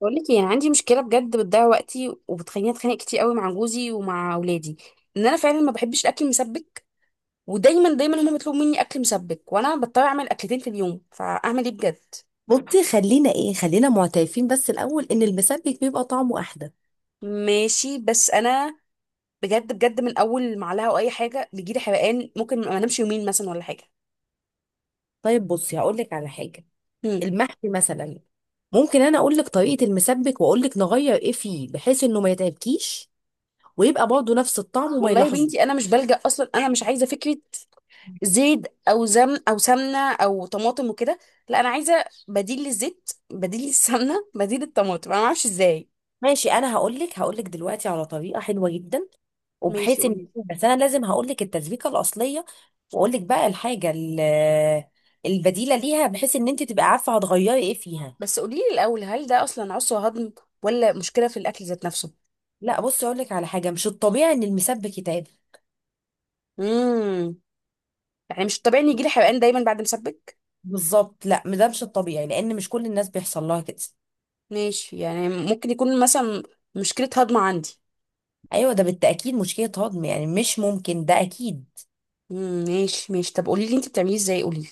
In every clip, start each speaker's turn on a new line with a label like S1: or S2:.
S1: بقول لك يعني عندي مشكله بجد، بتضيع وقتي وبتخليني اتخانق كتير قوي مع جوزي ومع اولادي. انا فعلا ما بحبش الاكل المسبك، ودايما هما بيطلبوا مني اكل مسبك وانا بضطر اعمل اكلتين في اليوم. فاعمل ايه بجد؟
S2: بصي، خلينا معترفين بس الاول ان المسبك بيبقى طعمه احلى.
S1: ماشي، بس انا بجد من اول معلقه او اي حاجه بيجيلي حرقان، ممكن ما انامش يومين مثلا ولا حاجه.
S2: طيب بصي هقول لك على حاجه،
S1: هم.
S2: المحشي مثلا. ممكن انا اقول لك طريقه المسبك واقول لك نغير ايه فيه بحيث انه ما يتعبكيش ويبقى برضه نفس الطعم وما
S1: والله يا
S2: يلاحظوه.
S1: بنتي انا مش بلجأ، اصلا انا مش عايزه فكره زيت او زم او سمنه او طماطم وكده. لا انا عايزه بديل للزيت، بديل للسمنه، بديل للطماطم، انا ما اعرفش ازاي.
S2: ماشي، انا هقول لك دلوقتي على طريقه حلوه جدا،
S1: ماشي
S2: وبحيث ان،
S1: قوليلي.
S2: بس انا لازم هقول لك التسبيكه الاصليه واقول لك بقى الحاجه البديله ليها بحيث ان انت تبقى عارفه هتغيري ايه فيها.
S1: بس قوليلي الأول، هل ده أصلا عسر هضم ولا مشكلة في الأكل ذات نفسه؟
S2: لا بصي، اقول لك على حاجه، مش الطبيعي ان المسبك يتعب.
S1: امم يعني مش طبيعي إن يجيلي حرقان دايما بعد مسبك؟
S2: بالظبط، لا ده مش الطبيعي لان مش كل الناس بيحصل لها كده.
S1: ماشي، يعني ممكن يكون مثلا مشكلة هضم عندي.
S2: ايوه، ده بالتاكيد مشكله هضم، يعني مش ممكن، ده اكيد.
S1: ماشي ماشي، طب قوليلي أنت بتعمليه إزاي، قوليلي.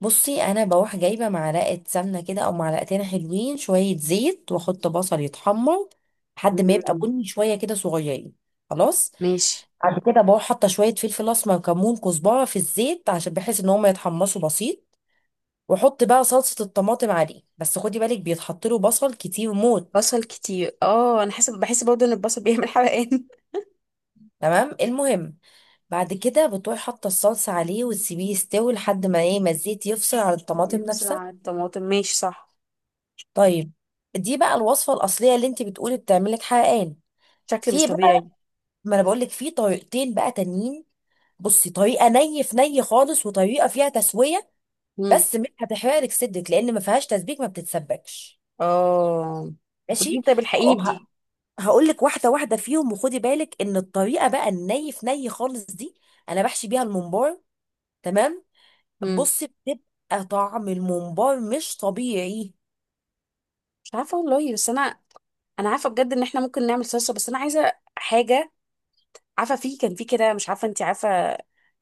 S2: بصي، انا بروح جايبه معلقه سمنه كده او معلقتين، حلوين شويه زيت واحط بصل يتحمر لحد ما يبقى
S1: امم
S2: بني شويه كده صغيرين. خلاص.
S1: ماشي.
S2: بعد كده بروح حاطه شويه فلفل اسمر، كمون، كزبره في الزيت عشان بحيث ان هم يتحمصوا بسيط، واحط بقى صلصه الطماطم عليه. بس خدي بالك، بيتحط له بصل كتير موت.
S1: بصل كتير، اه انا حاسه، بحس برضه ان البصل بيعمل حرقان.
S2: تمام. المهم بعد كده بتروحي حاطه الصلصه عليه وتسيبيه يستوي لحد ما ايه، ما الزيت يفصل عن الطماطم نفسها.
S1: بسرعه الطماطم، ماشي صح.
S2: طيب، دي بقى الوصفه الاصليه اللي انت بتقولي بتعملك حرقان.
S1: شكل مش
S2: في بقى،
S1: طبيعي.
S2: ما انا بقول لك، في طريقتين بقى تانيين. بصي، طريقه ني في ني خالص، وطريقه فيها تسويه.
S1: امم
S2: بس مش هتحرقلك صدرك لان ما فيهاش تسبيك، ما بتتسبكش.
S1: اه
S2: ماشي،
S1: قوليلي، طب الحقيني بدي.
S2: هقول لك واحده واحده فيهم. وخدي بالك ان الطريقه بقى الني في ني خالص دي، انا بحشي بيها الممبار. تمام.
S1: امم
S2: بص، بتبقى طعم الممبار مش طبيعي.
S1: مش عارفه والله، بس انا انا عارفه بجد ان احنا ممكن نعمل صلصه، بس انا عايزه حاجه. عارفه، كان في كده، مش عارفه انت عارفه،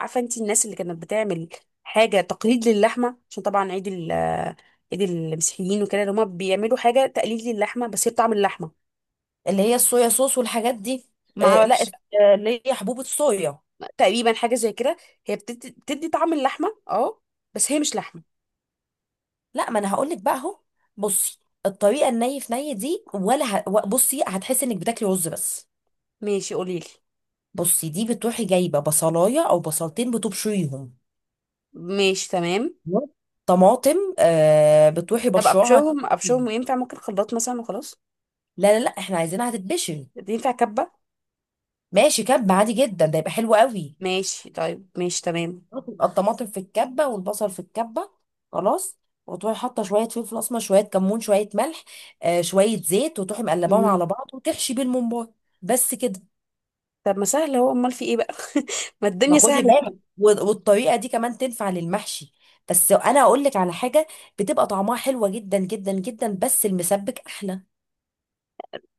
S1: عارفه انت الناس اللي كانت بتعمل حاجه تقليد للحمه، عشان طبعا عيد عيد المسيحيين وكده، اللي هما بيعملوا حاجه تقليد للحمه بس هي بطعم اللحمه.
S2: اللي هي الصويا صوص والحاجات دي.
S1: ما
S2: آه لا،
S1: اعرفش.
S2: آه، اللي هي حبوب الصويا.
S1: تقريبا حاجه زي كده، هي بتدي طعم اللحمه، اه بس هي مش لحمه.
S2: لا، ما انا هقول لك بقى اهو. بصي، الطريقه الني في ني دي بصي، هتحسي انك بتاكلي رز بس.
S1: ماشي قوليلي.
S2: بصي دي بتروحي جايبه بصلايه او بصلتين بتبشريهم.
S1: ماشي تمام.
S2: طماطم آه، بتروحي
S1: طب
S2: بشراها.
S1: ابشرهم ينفع ممكن خلاط مثلا وخلاص؟
S2: لا لا لا، احنا عايزينها هتتبشر.
S1: ينفع كبه؟
S2: ماشي، كب عادي جدا ده يبقى حلو قوي.
S1: ماشي طيب، ماشي تمام.
S2: بيبقى الطماطم في الكبه والبصل في الكبه. خلاص. وتروحي حاطه شويه فلفل اسمر، شويه كمون، شويه ملح، آه شويه زيت، وتروحي مقلباهم على بعض وتحشي بيه الممبار. بس كده.
S1: طب ما سهل اهو، امال في ايه بقى؟ ما
S2: ما
S1: الدنيا
S2: خدي
S1: سهله.
S2: بالك، والطريقه دي كمان تنفع للمحشي. بس انا اقول لك على حاجه، بتبقى طعمها حلوه جدا جدا جدا، بس المسبك احلى.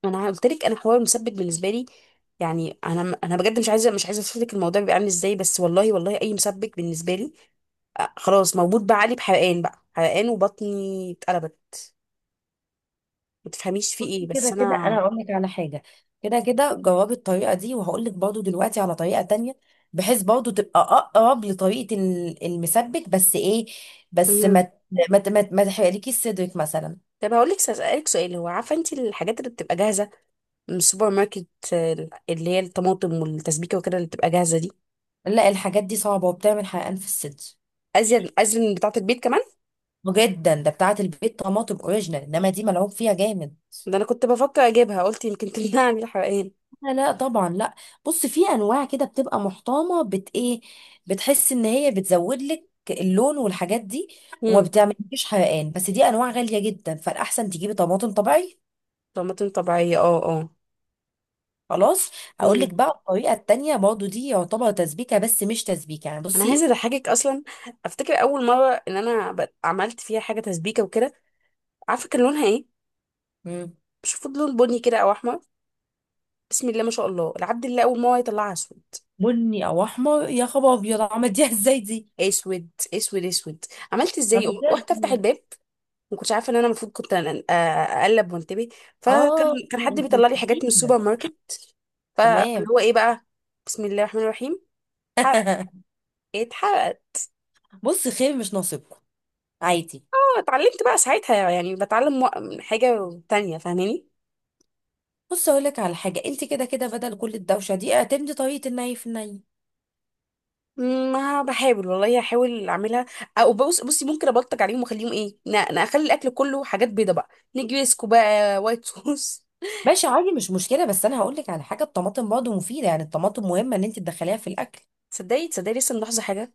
S1: ما انا قلت لك، انا حوار المسبك بالنسبه لي، يعني انا بجد مش عايزه اوصف لك الموضوع بيبقى عامل ازاي، بس والله والله اي مسبك بالنسبه لي، آه، خلاص موجود بقى علي بحرقان، بقى حرقان وبطني اتقلبت. ما تفهميش في ايه،
S2: بصي، كده
S1: بس
S2: كده
S1: انا.
S2: انا هقول لك على حاجه. كده كده جربي الطريقه دي، وهقول لك برضو دلوقتي على طريقه تانية، بحيث برضو تبقى اقرب لطريقه المسبك، بس ايه، بس ما
S1: مهم.
S2: ت- ما ت- ما, ت- ما تحرقلكيش صدرك مثلا.
S1: طب هقول لك، اسالك سؤال، هو عارفه انت الحاجات اللي بتبقى جاهزه من السوبر ماركت، آه، اللي هي الطماطم والتسبيكه وكده اللي بتبقى جاهزه دي؟
S2: لا، الحاجات دي صعبه وبتعمل حرقان في الصدر.
S1: ازين ازين بتاعه البيت كمان.
S2: جدا، ده بتاعه البيت طماطم اوريجينال انما دي ملعوب فيها جامد.
S1: ده انا كنت بفكر اجيبها، قلت يمكن تمنعني الحرقان.
S2: لا لا، طبعا لا. بص، في انواع كده بتبقى محترمه، بت ايه، بتحس ان هي بتزود لك اللون والحاجات دي، وما بتعملكيش حرقان. بس دي انواع غاليه جدا، فالاحسن تجيبي طماطم طبيعي.
S1: طماطم طبيعية، اه اه.
S2: خلاص. اقول لك
S1: مم.
S2: بقى الطريقه التانية برضو، دي يعتبر تسبيكه بس مش تسبيكه، يعني
S1: انا عايزة
S2: بصي.
S1: اضحكك. اصلا افتكر اول مرة ان انا عملت فيها حاجة تسبيكة وكده، عارفة كان لونها ايه؟
S2: مم.
S1: مش المفروض لون بني كده او احمر؟ بسم الله ما شاء الله، العبد الله اول مرة يطلعها اسود،
S2: بني او احمر؟ يا خبر، ابيض عملتيها ازاي دي؟
S1: اسود اسود اسود. عملت ازاي؟
S2: عملتيها
S1: رحت افتح
S2: ازاي؟
S1: الباب، ما كنتش عارفه ان انا المفروض اقلب وانتبه.
S2: اه
S1: فكان حد
S2: انت
S1: بيطلع لي حاجات من
S2: نسيتيها.
S1: السوبر ماركت. فاللي
S2: تمام.
S1: هو ايه بقى، بسم الله الرحمن الرحيم، اتحرق اتحرق.
S2: بصي، خير، مش ناصبكم. عادي.
S1: اتعلمت بقى ساعتها، يعني بتعلم حاجة تانية، فاهماني؟
S2: بص اقول لك على حاجه، انت كده كده بدل كل الدوشه دي اعتمدي طريقه الني في الني.
S1: ما بحاول والله، هحاول اعملها. او بص، بصي ممكن ابلطج عليهم واخليهم ايه، انا اخلي الاكل كله حاجات بيضه بقى، نجريسكو بقى، وايت صوص.
S2: ماشي، عادي، مش مشكله. بس انا هقول لك على حاجه، الطماطم برضه مفيده، يعني الطماطم مهمه ان انت تدخليها في الاكل.
S1: تصدقي تصدقي، لسه ملاحظه حاجه،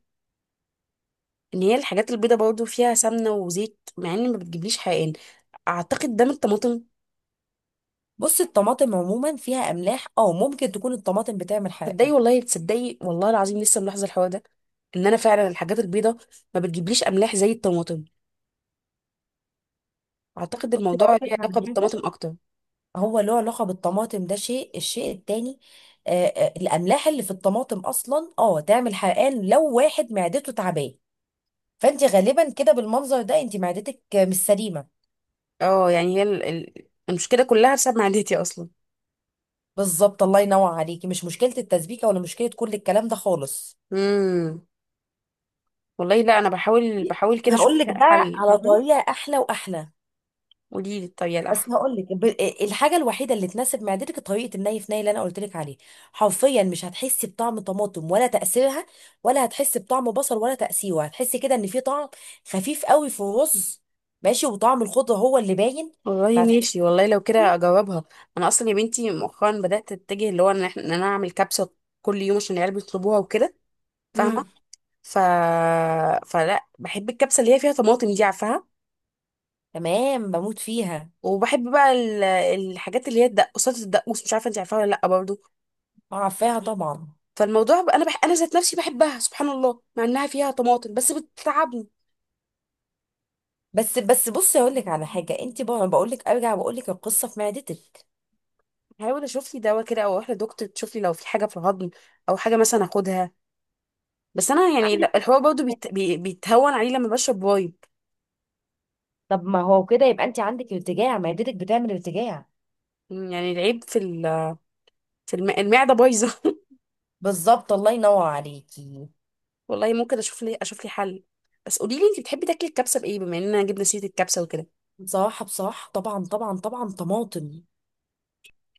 S1: ان هي الحاجات البيضه برضه فيها سمنه وزيت مع ان ما بتجيبليش حقن. اعتقد ده من الطماطم.
S2: بصي، الطماطم عموما فيها املاح، اه ممكن تكون الطماطم بتعمل
S1: تصدقي
S2: حرقان.
S1: والله، تصدقي والله العظيم، لسه ملاحظه الحوار ده، ان انا فعلا الحاجات البيضه ما بتجيبليش املاح زي الطماطم، اعتقد
S2: بصي،
S1: الموضوع
S2: هقول لك
S1: ليه
S2: على
S1: علاقه
S2: حاجه،
S1: بالطماطم اكتر.
S2: هو له علاقه بالطماطم، ده الشيء التاني، آه آه الاملاح اللي في الطماطم اصلا، اه تعمل حرقان لو واحد معدته تعباه. فانت غالبا كده بالمنظر ده، انت معدتك آه، مش سليمه.
S1: اه يعني هي المشكله كلها بسبب معدتي اصلا.
S2: بالظبط، الله ينور عليكي، مش مشكلة التسبيكة ولا مشكلة كل الكلام ده خالص.
S1: امم والله لا، انا بحاول بحاول كده اشوف
S2: هقول لك
S1: لها
S2: بقى
S1: حل،
S2: على
S1: فاهمه.
S2: طريقة أحلى وأحلى.
S1: قولي لي الطريقه الاحسن.
S2: بس هقول لك ب... الحاجة الوحيدة اللي تناسب معدتك طريقة الني في ني اللي أنا قلت لك عليه. حرفيا مش هتحسي بطعم طماطم ولا تأثيرها، ولا هتحسي بطعم بصل ولا تأثيره. هتحسي كده إن في طعم خفيف قوي في الرز. ماشي، وطعم الخضرة هو اللي باين.
S1: والله
S2: فهتحسي.
S1: ماشي، والله لو كده اجربها. انا اصلا يا بنتي مؤخرا بدات اتجه اللي هو ان إن انا اعمل كبسه كل يوم عشان العيال بيطلبوها وكده، فاهمه؟
S2: امم.
S1: ف فلا بحب الكبسه اللي هي فيها طماطم دي، عارفاها؟
S2: تمام، بموت فيها.
S1: وبحب بقى الحاجات اللي هي الدقوسات، الدقوس مش عارفه انت عارفاها ولا لا برضه؟
S2: عارفاها طبعا.
S1: فالموضوع بقى انا انا ذات نفسي بحبها سبحان الله، مع انها فيها طماطم بس بتتعبني.
S2: بس بس، بصي اقول لك على حاجه، انت بقول لك ارجع، بقول لك القصه في معدتك.
S1: هحاول اشوف لي دواء كده او اروح لدكتور، تشوف لي لو في حاجه في الهضم او حاجه مثلا اخدها. بس انا يعني
S2: عادي.
S1: لا، الحوار برضه بيتهون عليه لما بشرب وايب.
S2: طب ما هو كده يبقى انت عندك ارتجاع، معدتك بتعمل ارتجاع.
S1: يعني العيب في في المعده بايظه.
S2: بالظبط، الله ينور عليكي.
S1: والله ممكن اشوف لي، اشوف لي حل. بس قولي لي انت بتحبي تاكلي الكبسه بايه، بما اننا جبنا سيره الكبسه وكده؟
S2: بصراحه، بصراحه طبعا طبعا طبعا، طماطم.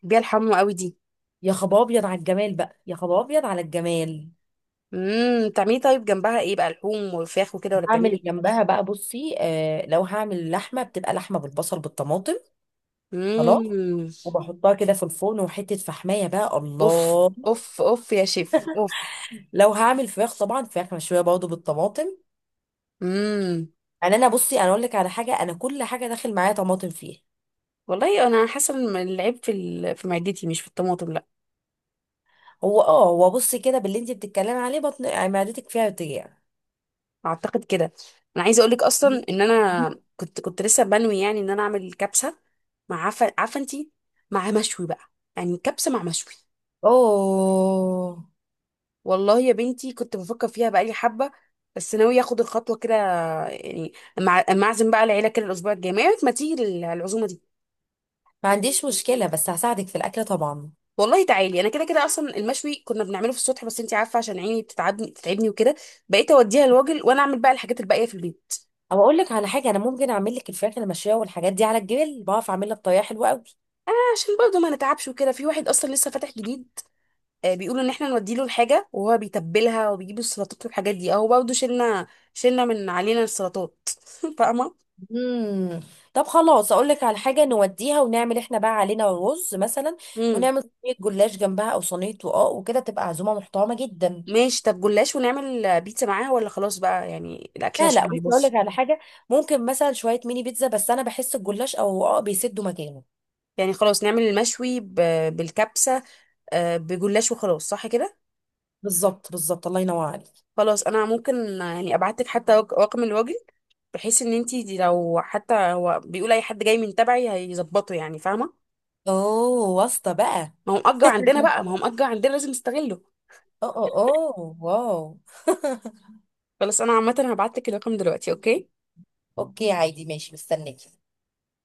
S1: بتحبيها الحمو قوي دي؟
S2: يا خباب ابيض على الجمال بقى، يا خباب ابيض على الجمال.
S1: بتعملي طيب جنبها ايه بقى، لحوم وفراخ وكده ولا بتعملي
S2: هعمل
S1: ايه؟
S2: جنبها بقى، بصي، آه، لو هعمل لحمه بتبقى لحمه بالبصل بالطماطم. خلاص.
S1: امم
S2: وبحطها كده في الفرن وحته فحمايه بقى
S1: اوف،
S2: الله.
S1: اوف اوف يا شيف اوف.
S2: لو هعمل فراخ، طبعا فراخ مشويه برضه بالطماطم.
S1: امم
S2: يعني انا بصي، انا اقول لك على حاجه، انا كل حاجه داخل معايا طماطم فيها.
S1: والله انا حاسه ان العيب في في معدتي مش في الطماطم.
S2: هو اه، هو بصي كده، باللي انت بتتكلمي عليه بطن، يعني معدتك فيها بتجيع.
S1: اعتقد كده. انا عايزه اقول لك اصلا ان انا كنت لسه بنوي يعني ان انا اعمل كبسه مع عفه، عارفه انتي، مع مشوي بقى، يعني كبسه مع مشوي.
S2: اوه.
S1: والله يا بنتي كنت بفكر فيها بقالي حبه، بس ناويه اخد الخطوه كده، يعني مع اما اعزم بقى العيله كده الاسبوع الجاي، ما يعني ما تيجي العزومه دي.
S2: ما عنديش مشكله، بس هساعدك في الاكل طبعا.
S1: والله تعالي، انا كده كده اصلا المشوي كنا بنعمله في السطح، بس انتي عارفه عشان عيني بتتعبني وكده، بقيت اوديها الراجل وانا اعمل بقى الحاجات الباقيه في البيت.
S2: او اقول لك على حاجه، انا ممكن اعمل لك الفراخ المشويه والحاجات دي على الجبل، بعرف اعملها بطريقه حلوه قوي.
S1: عشان برضه ما نتعبش وكده، في واحد اصلا لسه فاتح جديد، آه، بيقولوا ان احنا نودي له الحاجه وهو بيتبلها وبيجيب السلطات والحاجات دي، اهو برضه شلنا من علينا السلطات. فاهمه؟
S2: امم. طب خلاص، اقول لك على حاجه، نوديها ونعمل احنا بقى علينا رز مثلا،
S1: امم
S2: ونعمل صينيه جلاش جنبها او صينيه رقاق وكده، تبقى عزومه محترمه جدا.
S1: ماشي. طب جلاش، ونعمل بيتزا معاها ولا خلاص بقى يعني الاكل
S2: لا
S1: عشان
S2: لا،
S1: ما
S2: بص هقول لك
S1: يبص؟
S2: على حاجه، ممكن مثلا شويه ميني بيتزا، بس انا بحس الجلاش او اه بيسدوا مكانه.
S1: يعني خلاص، نعمل المشوي بالكبسه، آه، بجلاش وخلاص، صح كده؟
S2: بالظبط بالظبط، الله ينور عليك.
S1: خلاص انا ممكن آه، يعني ابعت لك حتى رقم الراجل، بحيث ان انتي دي، لو حتى هو بيقول اي حد جاي من تبعي هيظبطه، يعني فاهمه؟
S2: اوه، واسطه بقى.
S1: ما هو مأجر عندنا بقى، ما هو مأجر عندنا لازم نستغله.
S2: اه اه. اه، واو.
S1: خلاص انا عامه هبعت لك الرقم دلوقتي، اوكي؟
S2: اوكي، عادي، ماشي، مستنيك.